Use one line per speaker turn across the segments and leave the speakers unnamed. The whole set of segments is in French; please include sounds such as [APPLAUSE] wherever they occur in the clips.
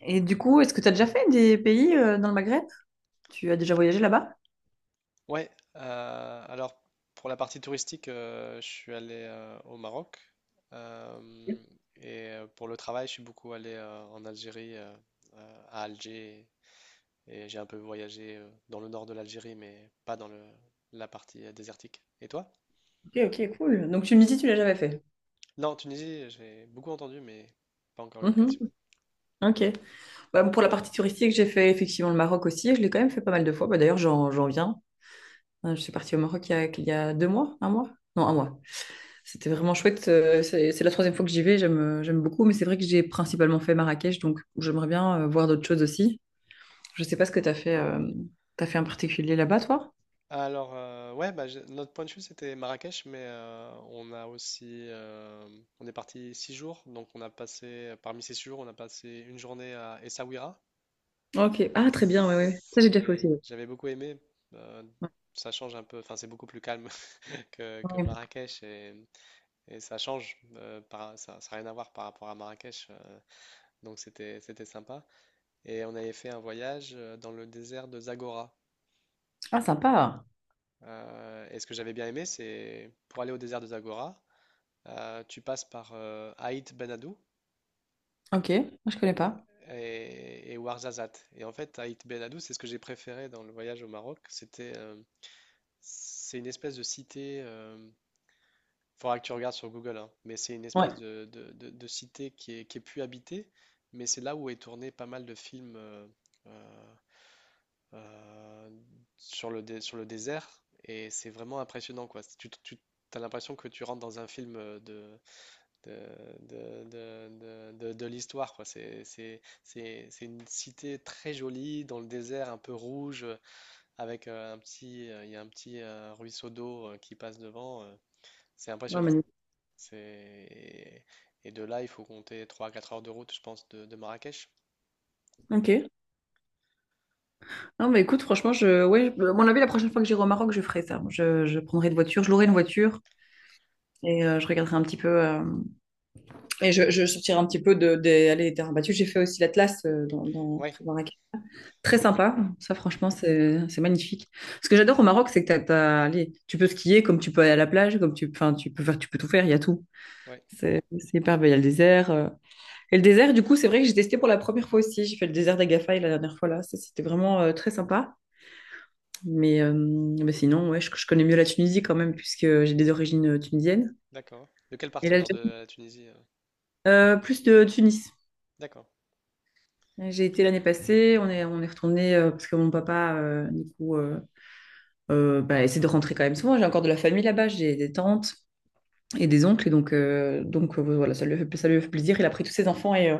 Et du coup, est-ce que tu as déjà fait des pays dans le Maghreb? Tu as déjà voyagé là-bas?
Ouais, alors pour la partie touristique, je suis allé au Maroc
Ok,
euh, et pour le travail, je suis beaucoup allé en Algérie, à Alger et j'ai un peu voyagé dans le nord de l'Algérie, mais pas la partie désertique. Et toi?
ok, cool. Donc tu me dis, si tu l'as jamais fait.
Non, Tunisie, j'ai beaucoup entendu, mais pas encore eu
Mhm,
l'occasion.
ok. Bah, pour la partie touristique, j'ai fait effectivement le Maroc aussi. Je l'ai quand même fait pas mal de fois. Bah, d'ailleurs, j'en viens. Je suis partie au Maroc il y a 2 mois, un mois? Non, un mois. C'était vraiment chouette. C'est la troisième fois que j'y vais. J'aime beaucoup. Mais c'est vrai que j'ai principalement fait Marrakech. Donc, j'aimerais bien voir d'autres choses aussi. Je sais pas ce que t'as fait en particulier là-bas, toi?
Alors, ouais, bah, notre point de vue, c'était Marrakech, mais on a aussi, on est parti 6 jours, donc on a passé, parmi ces 6 jours, on a passé une journée à Essaouira.
Ok. Ah, très bien. Oui, oui. Ça, j'ai déjà fait
C'est,
aussi.
j'avais beaucoup aimé. euh, Ça change un peu, enfin, c'est beaucoup plus calme [LAUGHS] que
Ouais.
Marrakech et ça change, ça n'a rien à voir par rapport à Marrakech, donc c'était sympa. Et on avait fait un voyage dans le désert de Zagora.
Ah, sympa.
Et ce que j'avais bien aimé, c'est pour aller au désert de Zagora. Tu passes par Aït Ben Haddou
Ok, moi je connais pas.
et Ouarzazate. Et en fait, Aït Ben Haddou, c'est ce que j'ai préféré dans le voyage au Maroc. C'est une espèce de cité. Il faudra que tu regardes sur Google, hein, mais c'est une
Ouais,
espèce de cité qui est plus habitée. Mais c'est là où est tourné pas mal de films euh, euh, sur le désert. Et c'est vraiment impressionnant, quoi. Tu as l'impression que tu rentres dans un film de, de l'histoire, quoi. C'est une cité très jolie, dans le désert un peu rouge, avec il y a un petit ruisseau d'eau qui passe devant. C'est
ouais,
impressionnant.
magnifique.
C'est... Et de là, il faut compter trois à 4 heures de route, je pense, de Marrakech.
Ok. Non, mais écoute, franchement, ouais, à mon avis, la prochaine fois que j'irai au Maroc, je ferai ça. Je prendrai une voiture, je louerai une voiture et je regarderai un petit peu. Et je sortirai un petit peu des allées des terrains battus. J'ai fait aussi l'Atlas dans,
Ouais,
Prévarac. Très sympa. Ça, franchement, c'est magnifique. Ce que j'adore au Maroc, c'est que t'as, allez, tu peux skier comme tu peux aller à la plage, comme enfin, tu peux faire, tu peux tout faire, il y a tout.
ouais,
C'est hyper beau. Il y a le désert. Et le désert, du coup, c'est vrai que j'ai testé pour la première fois aussi. J'ai fait le désert d'Agafay la dernière fois là. Ça, c'était vraiment très sympa. Mais, mais sinon, ouais, je connais mieux la Tunisie quand même, puisque j'ai des origines tunisiennes.
d'accord. De quelle
Et
partie alors de
l'Algérie,
la Tunisie?
plus de Tunis.
D'accord,
J'ai été l'année passée, on est retourné parce que mon papa, du coup, bah, essaie de rentrer quand même souvent. J'ai encore de la famille là-bas, j'ai des tantes et des oncles. Et donc, voilà, ça lui a fait plaisir. Il a pris tous ses enfants et euh,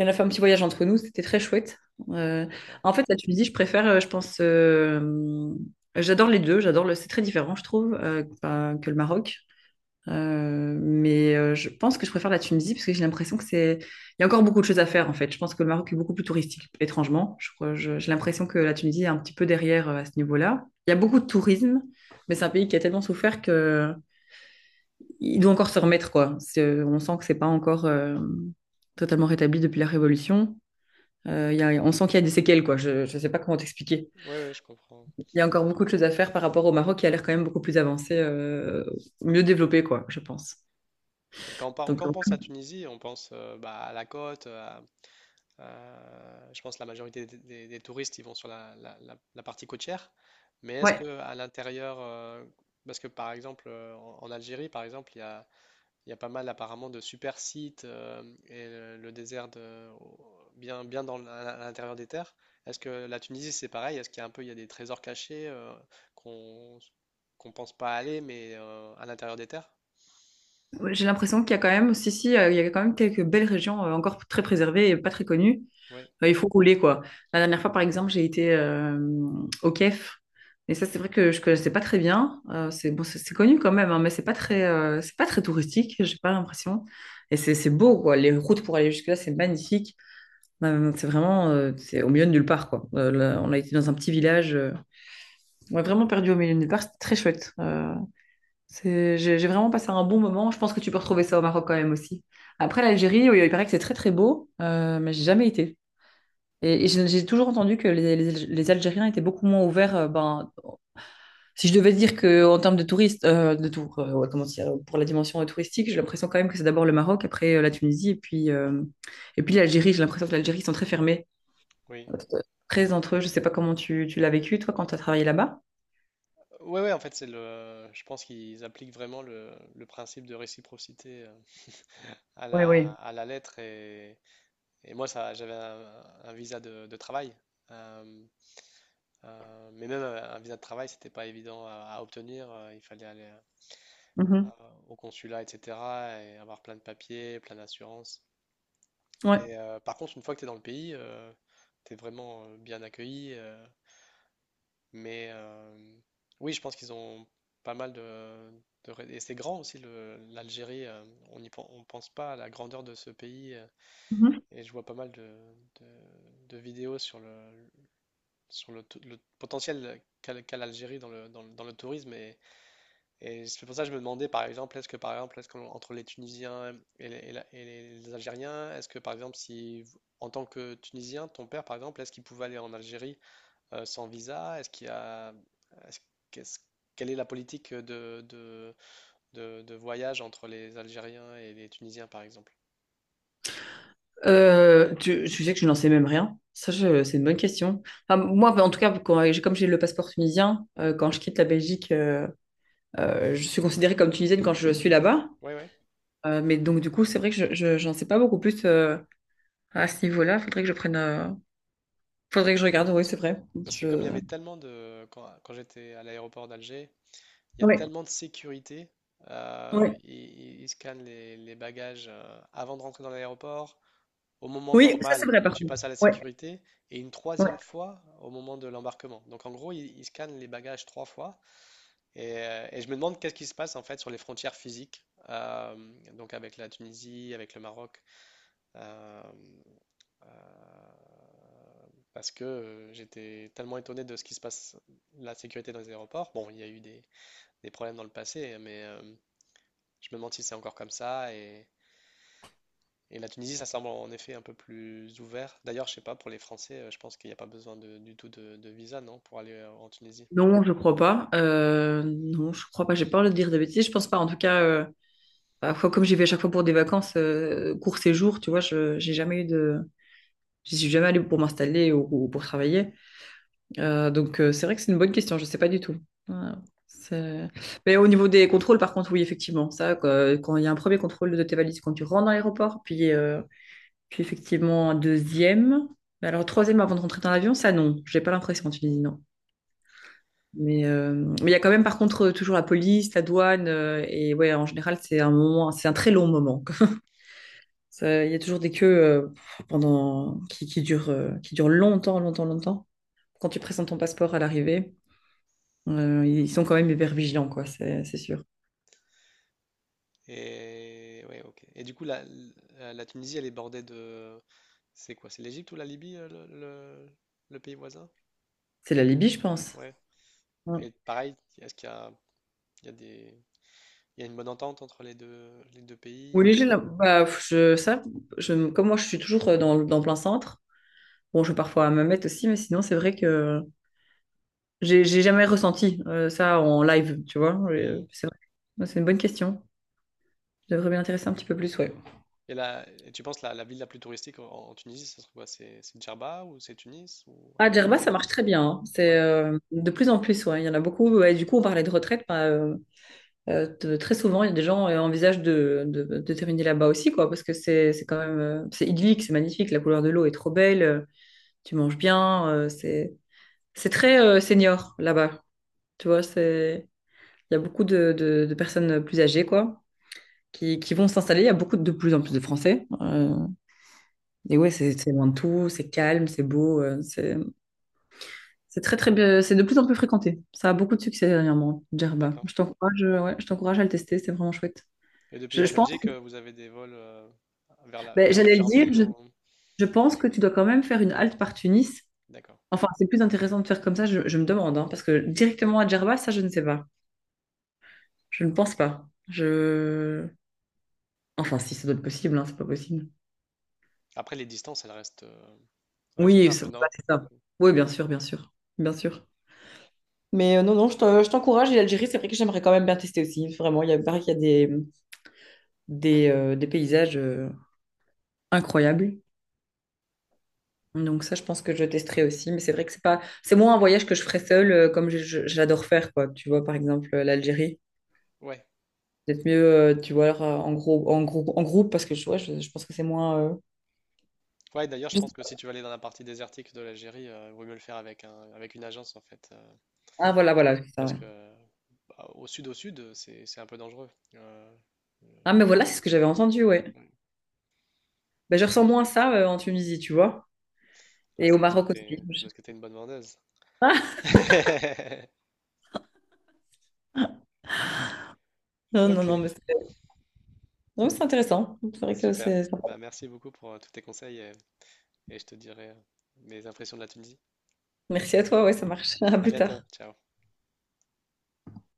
On a fait un petit voyage entre nous, c'était très chouette. Euh,
d'accord.
en fait, la Tunisie, je préfère, je pense, j'adore les deux, j'adore c'est très différent, je trouve, que le Maroc. Mais je pense que je préfère la Tunisie parce que j'ai l'impression que il y a encore beaucoup de choses à faire en fait. Je pense que le Maroc est beaucoup plus touristique, étrangement. J'ai l'impression que la Tunisie est un petit peu derrière à ce niveau-là. Il y a beaucoup de tourisme, mais c'est un pays qui a tellement souffert que il doit encore se remettre quoi. On sent que c'est pas encore totalement rétabli depuis la Révolution. On sent qu'il y a des séquelles, quoi. Je ne sais pas comment t'expliquer.
Oui, oui, je comprends.
Il y a encore beaucoup de choses à faire par rapport au Maroc qui a l'air quand même beaucoup plus avancé, mieux développé, quoi, je pense.
Et
Donc,
quand on pense à Tunisie, on pense bah, à la côte, à, Je pense que la majorité des touristes, ils vont sur la partie côtière. Mais est-ce
ouais,
que à l'intérieur, parce que par exemple en Algérie, par exemple, il y a pas mal apparemment de super sites et le désert bien à l'intérieur des terres. Est-ce que la Tunisie, c'est pareil? Est-ce qu'il y a un peu, il y a des trésors cachés qu'on qu'on pense pas aller, mais à l'intérieur des terres?
ouais, j'ai l'impression qu'il y a quand même, si, si, il y a quand même quelques belles régions encore très préservées et pas très connues.
Oui,
Il faut rouler, quoi. La dernière fois, par exemple, j'ai été au Kef. Et ça, c'est vrai que je connaissais pas très bien. C'est bon, c'est connu quand même, hein, mais c'est pas très touristique, j'ai pas l'impression. Et c'est beau, quoi. Les routes pour aller jusque-là, c'est magnifique. Non, non, C'est au milieu de nulle part, quoi. Là, on a été dans un petit village. On est vraiment perdu au milieu de nulle part. C'était très chouette. J'ai vraiment passé un bon moment. Je pense que tu peux retrouver ça au Maroc quand même aussi. Après, l'Algérie, oui, il paraît que c'est très très beau, mais j'ai jamais été. Et j'ai toujours entendu que les, les Algériens étaient beaucoup moins ouverts. Ben, si je devais dire que en termes de touristes, ouais, comment dire, pour la dimension touristique, j'ai l'impression quand même que c'est d'abord le Maroc, après la Tunisie, et puis l'Algérie. J'ai l'impression que l'Algérie ils sont très fermés.
oui.
Très entre eux. Je sais pas comment tu l'as vécu, toi, quand tu as travaillé là-bas.
Ouais, ouais, en fait, c'est le. Je pense qu'ils appliquent vraiment le principe de réciprocité
Oui, oui.
à la lettre. Et moi, ça, j'avais un visa de travail. euh, mais même un visa de travail, c'était pas évident à obtenir. Il fallait aller
Mhm.
au consulat, etc. Et avoir plein de papiers, plein d'assurances.
Ouais.
Et par contre, une fois que tu es dans le pays, tu es vraiment bien accueilli. Mais oui, je pense qu'ils ont pas mal Et c'est grand aussi, l'Algérie. On pense pas à la grandeur de ce pays.
Mhm.
Et je vois pas mal de vidéos le potentiel qu'a l'Algérie dans le tourisme. Et c'est pour ça que je me demandais, par exemple, est-ce qu'entre les Tunisiens et les Algériens, est-ce que, par exemple, si, en tant que Tunisien, ton père, par exemple, est-ce qu'il pouvait aller en Algérie? Sans visa? Est-ce qu'il y a, est-ce qu'est-ce- Quelle est la politique de voyage entre les Algériens et les Tunisiens, par exemple?
Tu sais que je n'en sais même rien. Ça, c'est une bonne question. Enfin, moi, en tout cas, comme j'ai le passeport tunisien, quand je quitte la Belgique, je suis considérée comme tunisienne quand je suis là-bas.
Oui, oui.
Mais donc, du coup, c'est vrai que j'en sais pas beaucoup plus à ce niveau-là. Faudrait que je prenne. Faudrait que je regarde. Oui, c'est vrai.
Parce que comme il
Je...
y avait tellement de... Quand j'étais à l'aéroport d'Alger, il y a
Oui,
tellement de sécurité.
oui,
Ils scannent les bagages avant de rentrer dans l'aéroport, au moment
oui, ça, c'est
normal
vrai,
où
par
tu
contre.
passes à la
Oui.
sécurité, et une troisième fois au moment de l'embarquement. Donc en gros, ils scannent les bagages 3 fois. Et je me demande qu'est-ce qui se passe en fait sur les frontières physiques, euh, donc avec la Tunisie, avec le Maroc, euh, euh, parce que j'étais tellement étonné de ce qui se passe, la sécurité dans les aéroports. Bon, il y a eu des problèmes dans le passé, mais je me demande si c'est encore comme ça. Et la Tunisie, ça semble en effet un peu plus ouvert. D'ailleurs, je sais pas, pour les Français, je pense qu'il n'y a pas besoin du tout de visa, non, pour aller en Tunisie.
Non, je crois pas. Non, je crois pas. J'ai peur de dire des bêtises. Je pense pas. En tout cas, parfois, comme j'y vais à chaque fois pour des vacances, court séjour, tu vois, je j'ai jamais eu de. J'y suis jamais allée pour m'installer ou pour travailler. Donc, c'est vrai que c'est une bonne question. Je sais pas du tout. Ouais, c'est- Mais au niveau des contrôles, par contre, oui, effectivement. Ça, quoi, quand il y a un premier contrôle de tes valises quand tu rentres dans l'aéroport, puis effectivement un deuxième. Mais alors, troisième avant de rentrer dans l'avion, ça, non. J'ai pas l'impression en
Mm.
Tunisie, Mais euh, mais il y a quand même, par contre, toujours la police, la douane, et ouais, en général, c'est un très long moment. [LAUGHS] Il y a toujours des queues pendant qui durent longtemps, longtemps, longtemps. Quand tu présentes ton passeport à l'arrivée, ils sont quand même hyper vigilants, quoi. C'est sûr.
Et ouais, ok. Et du coup, la Tunisie, elle est bordée de... C'est quoi? C'est l'Égypte ou la Libye, le pays voisin?
C'est la Libye, je pense.
Ouais.
Ouais.
Et pareil, est-ce qu'il y a, il y a des... Il y a une bonne entente entre les deux pays?
Oui, bah, comme moi, je suis toujours dans plein centre. Bon, je vais parfois à ma mette aussi, mais sinon, c'est vrai que j'ai jamais ressenti ça en live, tu vois. Euh,
Mhm.
C'est vrai. Ouais, c'est une bonne question. Je devrais m'y intéresser un petit peu plus, ouais.
Et tu penses la ville la plus touristique en Tunisie, ça serait quoi? C'est Djerba ou c'est Tunis ou
Ah,
Hammamet?
Djerba, ça marche très bien, hein. C'est
Ouais,
euh, de plus en plus, ouais. Il y en a beaucoup. Et du coup, on parlait de retraite. Bah, très souvent, il y a des gens qui envisagent de terminer là-bas aussi, quoi, parce que c'est quand même c'est idyllique, c'est magnifique. La couleur de l'eau est trop belle. Tu manges bien. C'est très senior là-bas. Tu vois, c'est il y a beaucoup de personnes plus âgées, quoi, qui vont s'installer. Il y a beaucoup de plus en plus de Français. Et ouais, c'est loin de tout. C'est calme, c'est beau. C'est très très bien, c'est de plus en plus fréquenté. Ça a beaucoup de succès dernièrement, Djerba.
d'accord.
Je t'encourage à le tester, c'est vraiment chouette.
Et depuis
Je,
la
je pense,
Belgique, vous avez des vols
ben,
vers
j'allais le
plusieurs
dire,
villes ou...
je pense que tu dois quand même faire une halte par Tunis.
D'accord.
Enfin, c'est plus intéressant de faire comme ça, je me demande, hein, parce que directement à Djerba, ça je ne sais pas. Je ne pense pas. Je... Enfin, si ça doit être possible, hein, c'est pas possible.
Après, les distances, elles restent
Oui,
raisonnables, non?
c'est ça. Oui, bien sûr, bien sûr, bien sûr. Mais non, non, je t'encourage. Et l'Algérie, c'est vrai que j'aimerais quand même bien tester aussi. Vraiment, il paraît qu'il y a des paysages. Incroyable. Donc ça, je pense que je testerai aussi. Mais c'est vrai que c'est pas, c'est moins un voyage que je ferais seule, comme j'adore faire, quoi. Tu vois, par exemple, l'Algérie.
Ouais.
Peut-être mieux, tu vois, alors, en groupe, en groupe, en groupe, parce que ouais, je pense que c'est moins.
Ouais, d'ailleurs, je
Je-
pense que si tu veux aller dans la partie désertique de l'Algérie, il vaut mieux le faire avec une agence en fait,
Ah voilà, voilà. C'est ça,
parce
ouais.
que bah, au sud, c'est un peu dangereux.
Ah mais voilà, c'est ce que j'avais entendu, ouais.
Mm.
Ben, je ressens moins ça en Tunisie, tu vois,
Ah,
et au Maroc
c'est
aussi.
parce que
[LAUGHS]
t'es une bonne vendeuse.
Ah,
[LAUGHS]
non, non,
Ok,
non, mais c'est non, mais c'est intéressant. C'est vrai que
super.
c'est sympa.
Bah merci beaucoup pour tous tes conseils et je te dirai mes impressions de la Tunisie.
Merci à toi, ouais, ça marche. [LAUGHS] À
À
plus
bientôt,
tard.
ciao.